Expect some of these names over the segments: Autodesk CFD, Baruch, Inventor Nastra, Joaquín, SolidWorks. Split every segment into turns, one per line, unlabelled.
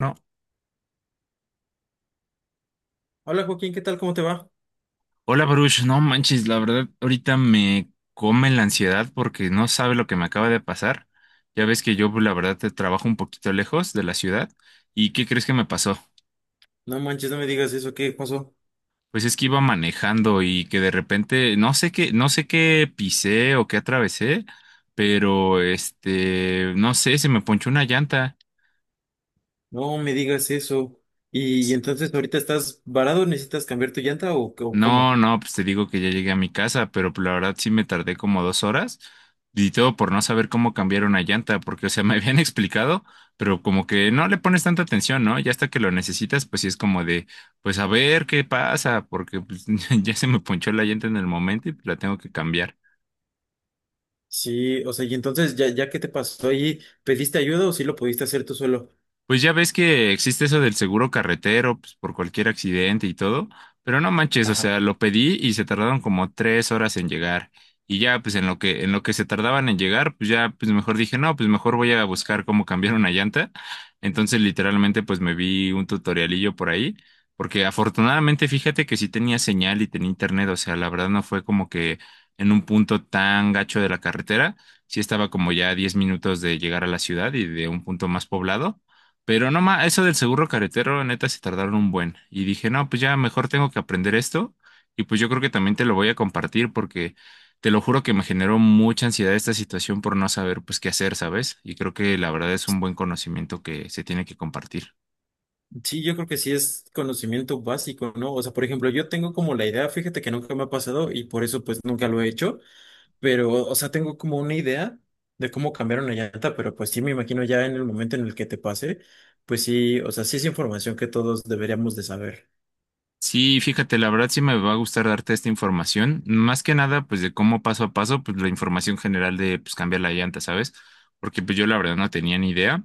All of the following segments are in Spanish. No,
Hola Joaquín, ¿qué tal? ¿Cómo te va?
hola Baruch, no manches, la verdad ahorita me come la ansiedad porque no sabe lo que me acaba de pasar. Ya ves que yo pues, la verdad te trabajo un poquito lejos de la ciudad. ¿Y qué crees que me pasó?
No manches, no me digas eso, ¿qué pasó?
Pues es que iba manejando y que de repente no sé qué, no sé qué pisé o qué atravesé, pero no sé, se me ponchó una llanta.
No me digas eso. Y entonces ahorita estás varado, ¿necesitas cambiar tu llanta o cómo?
No, no, pues te digo que ya llegué a mi casa, pero la verdad sí me tardé como 2 horas y todo por no saber cómo cambiar una llanta, porque, o sea, me habían explicado, pero como que no le pones tanta atención, ¿no? Ya hasta que lo necesitas, pues sí es como de, pues a ver qué pasa, porque pues, ya se me ponchó la llanta en el momento y la tengo que cambiar.
Sí, o sea, y entonces ya que te pasó ahí, ¿pediste ayuda o sí lo pudiste hacer tú solo?
Pues ya ves que existe eso del seguro carretero, pues, por cualquier accidente y todo, pero no manches, o
Ajá.
sea, lo pedí y se tardaron como 3 horas en llegar. Y ya, pues en lo que, se tardaban en llegar, pues ya, pues mejor dije, no, pues mejor voy a buscar cómo cambiar una llanta. Entonces, literalmente, pues me vi un tutorialillo por ahí, porque afortunadamente, fíjate que sí tenía señal y tenía internet, o sea, la verdad no fue como que en un punto tan gacho de la carretera, sí estaba como ya a 10 minutos de llegar a la ciudad y de un punto más poblado, pero no más, eso del seguro carretero, neta, se tardaron un buen. Y dije, no, pues ya mejor tengo que aprender esto. Y pues yo creo que también te lo voy a compartir porque te lo juro que me generó mucha ansiedad esta situación por no saber pues qué hacer, ¿sabes? Y creo que la verdad es un buen conocimiento que se tiene que compartir.
Sí, yo creo que sí es conocimiento básico, ¿no? O sea, por ejemplo, yo tengo como la idea, fíjate que nunca me ha pasado y por eso pues nunca lo he hecho. Pero, o sea, tengo como una idea de cómo cambiar una llanta, pero pues sí me imagino ya en el momento en el que te pase, pues sí, o sea, sí es información que todos deberíamos de saber.
Sí, fíjate, la verdad sí me va a gustar darte esta información. Más que nada, pues de cómo paso a paso, pues la información general de pues cambiar la llanta, ¿sabes? Porque pues yo la verdad no tenía ni idea.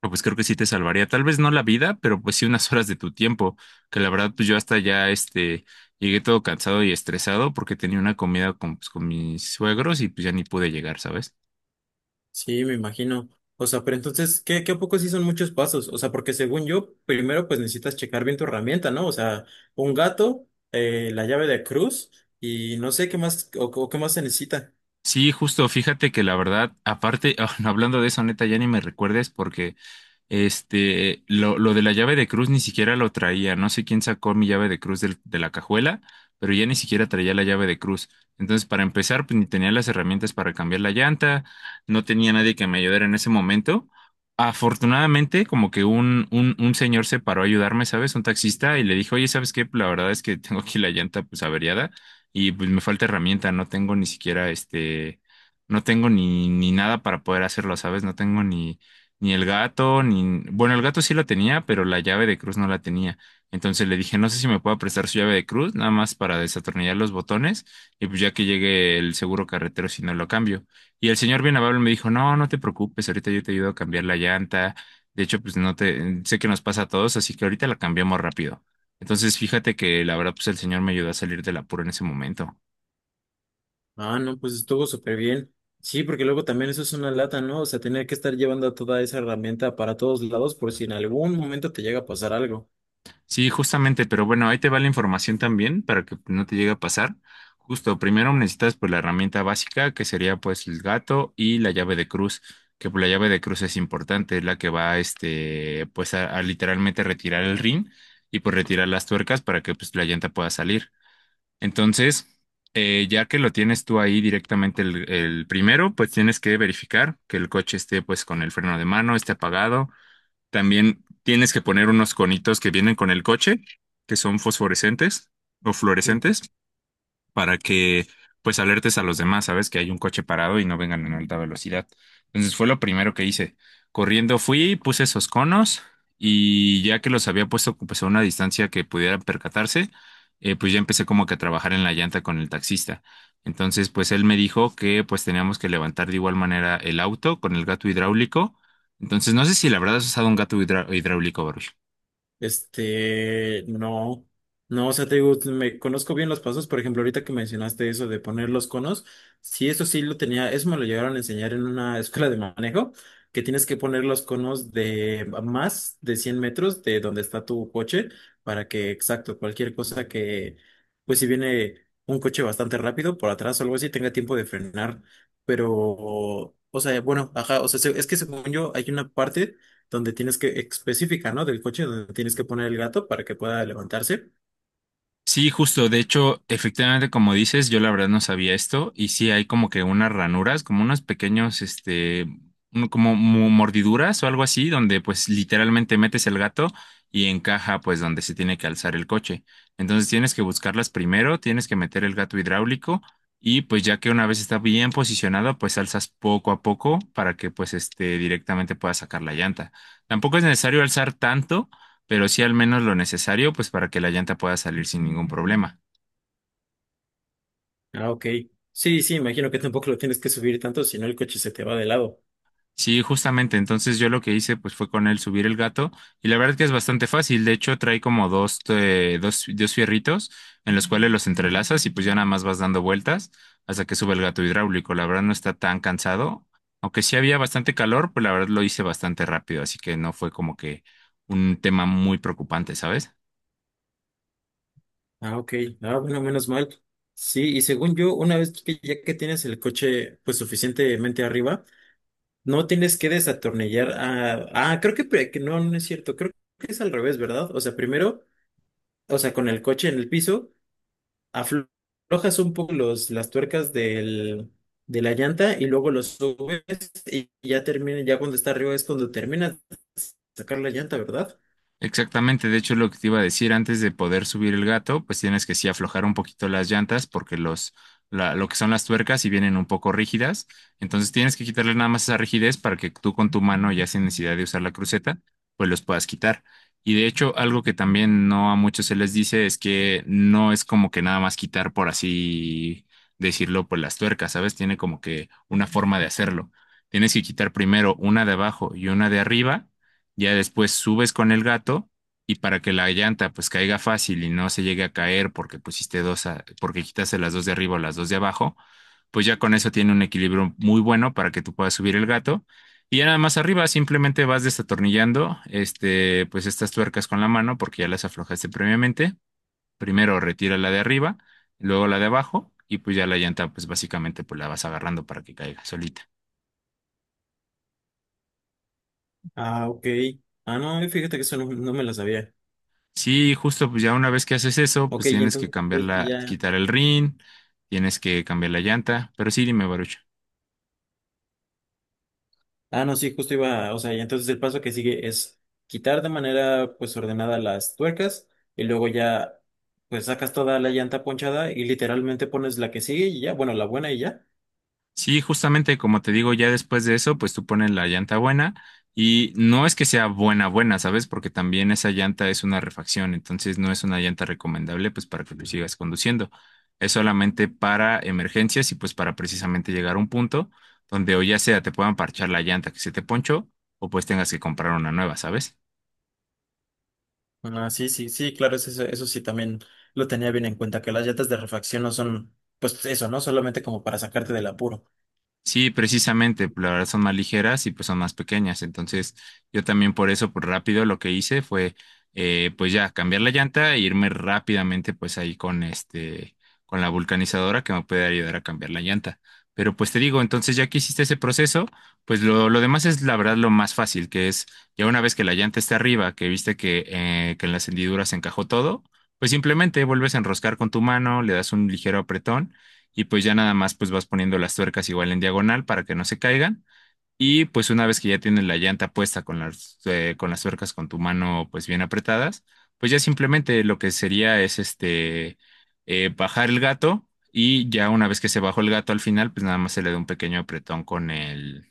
No, pues creo que sí te salvaría, tal vez no la vida, pero pues sí unas horas de tu tiempo, que la verdad pues yo hasta ya llegué todo cansado y estresado porque tenía una comida con, pues, con mis suegros y pues ya ni pude llegar, ¿sabes?
Sí, me imagino. O sea, pero entonces, ¿qué a poco sí son muchos pasos? O sea, porque según yo, primero pues necesitas checar bien tu herramienta, ¿no? O sea, un gato, la llave de cruz y no sé qué más, o qué más se necesita.
Sí, justo, fíjate que la verdad, aparte, ah, no, hablando de eso, neta, ya ni me recuerdes porque lo de la llave de cruz ni siquiera lo traía. No sé quién sacó mi llave de cruz de la cajuela, pero ya ni siquiera traía la llave de cruz. Entonces, para empezar, pues ni tenía las herramientas para cambiar la llanta, no tenía nadie que me ayudara en ese momento. Afortunadamente, como que un señor se paró a ayudarme, ¿sabes? Un taxista y le dijo, oye, ¿sabes qué? La verdad es que tengo aquí la llanta pues averiada y pues me falta herramienta, no tengo ni siquiera no tengo ni nada para poder hacerlo, ¿sabes? No tengo ni el gato, ni... Bueno, el gato sí la tenía, pero la llave de cruz no la tenía. Entonces le dije, no sé si me puede prestar su llave de cruz, nada más para desatornillar los botones, y pues ya que llegue el seguro carretero, si no lo cambio. Y el señor bien amable me dijo, no, no te preocupes, ahorita yo te ayudo a cambiar la llanta. De hecho, pues no te... Sé que nos pasa a todos, así que ahorita la cambiamos rápido. Entonces, fíjate que la verdad, pues el señor me ayudó a salir del apuro en ese momento.
Ah, no, pues estuvo súper bien. Sí, porque luego también eso es una lata, ¿no? O sea, tener que estar llevando toda esa herramienta para todos lados por si en algún momento te llega a pasar algo.
Sí, justamente, pero bueno, ahí te va la información también para que no te llegue a pasar. Justo, primero necesitas pues la herramienta básica que sería pues el gato y la llave de cruz, que pues, la llave de cruz es importante, es la que va este pues a literalmente retirar el rin y pues retirar las tuercas para que pues la llanta pueda salir. Entonces, ya que lo tienes tú ahí directamente el primero, pues tienes que verificar que el coche esté pues con el freno de mano, esté apagado. También tienes que poner unos conitos que vienen con el coche, que son fosforescentes o
Mm.
fluorescentes para que pues alertes a los demás, ¿sabes? Que hay un coche parado y no vengan en alta velocidad. Entonces fue lo primero que hice. Corriendo fui, puse esos conos y ya que los había puesto pues a una distancia que pudieran percatarse, pues ya empecé como que a trabajar en la llanta con el taxista. Entonces pues él me dijo que pues teníamos que levantar de igual manera el auto con el gato hidráulico. Entonces no sé si la verdad has usado un gato hidráulico, Baruch.
Este, no, no, o sea, te digo, me conozco bien los pasos, por ejemplo, ahorita que mencionaste eso de poner los conos, sí, eso sí lo tenía, eso me lo llegaron a enseñar en una escuela de manejo, que tienes que poner los conos de más de 100 metros de donde está tu coche, para que, exacto, cualquier cosa que, pues si viene un coche bastante rápido por atrás o algo así, tenga tiempo de frenar, pero, o sea, bueno, ajá, o sea, es que según yo, hay una parte donde tienes que, específica, ¿no? Del coche donde tienes que poner el gato para que pueda levantarse.
Sí, justo. De hecho, efectivamente, como dices, yo la verdad no sabía esto. Y sí hay como que unas ranuras, como unos pequeños, este, como mordiduras o algo así, donde pues literalmente metes el gato y encaja pues donde se tiene que alzar el coche. Entonces tienes que buscarlas primero, tienes que meter el gato hidráulico y pues ya que una vez está bien posicionado, pues alzas poco a poco para que pues este directamente puedas sacar la llanta. Tampoco es necesario alzar tanto, pero sí al menos lo necesario, pues para que la llanta pueda salir sin ningún problema.
Ah, ok. Sí, sí, imagino que tampoco lo tienes que subir tanto, si no el coche se te va de lado.
Sí, justamente, entonces yo lo que hice pues fue con él subir el gato y la verdad que es bastante fácil, de hecho trae como dos fierritos en los cuales los entrelazas y pues ya nada más vas dando vueltas hasta que sube el gato hidráulico, la verdad no está tan cansado, aunque sí había bastante calor, pues la verdad lo hice bastante rápido, así que no fue como que un tema muy preocupante, ¿sabes?
Ah, ok. Ah, bueno, menos mal. Sí, y según yo, una vez que ya que tienes el coche pues suficientemente arriba, no tienes que desatornillar a... Ah, creo que, que no, no es cierto. Creo que es al revés, ¿verdad? O sea, primero, o sea, con el coche en el piso. Aflojas un poco las tuercas de la llanta y luego los subes y ya termina, ya cuando está arriba es cuando terminas de sacar la llanta, ¿verdad?
Exactamente, de hecho lo que te iba a decir, antes de poder subir el gato, pues tienes que sí aflojar un poquito las llantas porque lo que son las tuercas sí vienen un poco rígidas, entonces tienes que quitarle nada más esa rigidez para que tú con tu mano, ya sin necesidad de usar la cruceta, pues los puedas quitar. Y de hecho, algo que también no a muchos se les dice es que no es como que nada más quitar por así decirlo, pues las tuercas, ¿sabes? Tiene como que una forma de hacerlo. Tienes que quitar primero una de abajo y una de arriba, ya después subes con el gato y para que la llanta pues caiga fácil y no se llegue a caer porque pusiste dos, porque quitaste las dos de arriba o las dos de abajo, pues ya con eso tiene un equilibrio muy bueno para que tú puedas subir el gato. Y ya nada más arriba simplemente vas desatornillando este, pues estas tuercas con la mano porque ya las aflojaste previamente. Primero retira la de arriba, luego la de abajo y pues ya la llanta pues básicamente pues la vas agarrando para que caiga solita.
Ah, ok. Ah, no, fíjate que eso no, no me lo sabía.
Sí, justo, pues ya una vez que haces eso, pues
Ok, y
tienes que
entonces pues que
cambiarla,
ya.
quitar el rin, tienes que cambiar la llanta, pero sí, dime, Baruch.
Ah, no, sí, justo iba, o sea, y entonces el paso que sigue es quitar de manera pues ordenada las tuercas y luego ya pues sacas toda la llanta ponchada y literalmente pones la que sigue y ya, bueno, la buena y ya.
Sí, justamente como te digo, ya después de eso, pues tú pones la llanta buena y no es que sea buena, buena, ¿sabes? Porque también esa llanta es una refacción, entonces no es una llanta recomendable, pues para que tú sigas conduciendo. Es solamente para emergencias y pues para precisamente llegar a un punto donde o ya sea te puedan parchar la llanta que se te ponchó o pues tengas que comprar una nueva, ¿sabes?
Ah, sí, sí, sí, claro, eso, eso sí también lo tenía bien en cuenta, que las llantas de refacción no son, pues eso, ¿no? Solamente como para sacarte del apuro.
Sí, precisamente, pues, la verdad son más ligeras y pues son más pequeñas. Entonces, yo también por eso, por rápido, lo que hice fue, pues ya, cambiar la llanta e irme rápidamente, pues ahí con este, con la vulcanizadora que me puede ayudar a cambiar la llanta. Pero pues te digo, entonces ya que hiciste ese proceso, pues lo demás es la verdad lo más fácil, que es ya una vez que la llanta está arriba, que viste que en las hendiduras se encajó todo, pues simplemente vuelves a enroscar con tu mano, le das un ligero apretón y pues ya nada más pues vas poniendo las tuercas igual en diagonal para que no se caigan y pues una vez que ya tienes la llanta puesta con las tuercas con tu mano pues bien apretadas, pues ya simplemente lo que sería es bajar el gato y ya una vez que se bajó el gato al final pues nada más se le da un pequeño apretón con el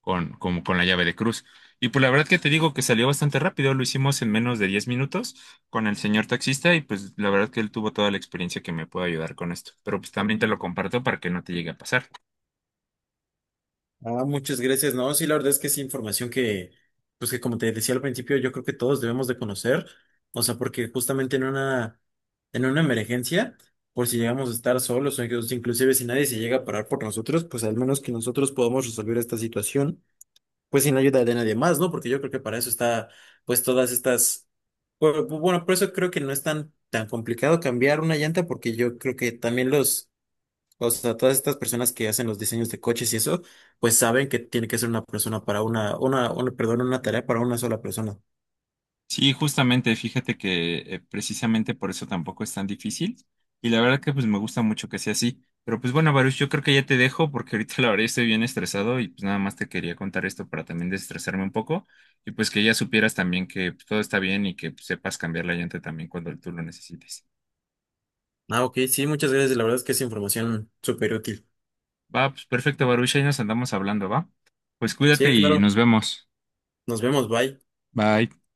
con, con, con la llave de cruz. Y pues la verdad que te digo que salió bastante rápido, lo hicimos en menos de 10 minutos con el señor taxista y pues la verdad que él tuvo toda la experiencia que me puede ayudar con esto. Pero pues también te lo comparto para que no te llegue a pasar.
Ah, muchas gracias, ¿no? Sí, la verdad es que es información que, pues que como te decía al principio, yo creo que todos debemos de conocer, o sea, porque justamente en una emergencia, por si llegamos a estar solos o inclusive si nadie se llega a parar por nosotros, pues al menos que nosotros podamos resolver esta situación, pues sin la ayuda de nadie más, ¿no? Porque yo creo que para eso está, pues todas estas, bueno, por eso creo que no es tan complicado cambiar una llanta, porque yo creo que también los, o sea, todas estas personas que hacen los diseños de coches y eso, pues saben que tiene que ser una persona para perdón, una tarea para una sola persona.
Sí, justamente, fíjate que precisamente por eso tampoco es tan difícil y la verdad que pues me gusta mucho que sea así. Pero pues bueno, Baruch, yo creo que ya te dejo porque ahorita la verdad estoy bien estresado y pues nada más te quería contar esto para también desestresarme un poco y pues que ya supieras también que pues, todo está bien y que pues, sepas cambiar la llanta también cuando tú lo necesites.
Ah, ok, sí, muchas gracias, la verdad es que es información súper útil.
Va, pues perfecto, Baruch, ahí nos andamos hablando, ¿va? Pues cuídate
Sí,
y
claro,
nos vemos.
nos vemos, bye.
Bye.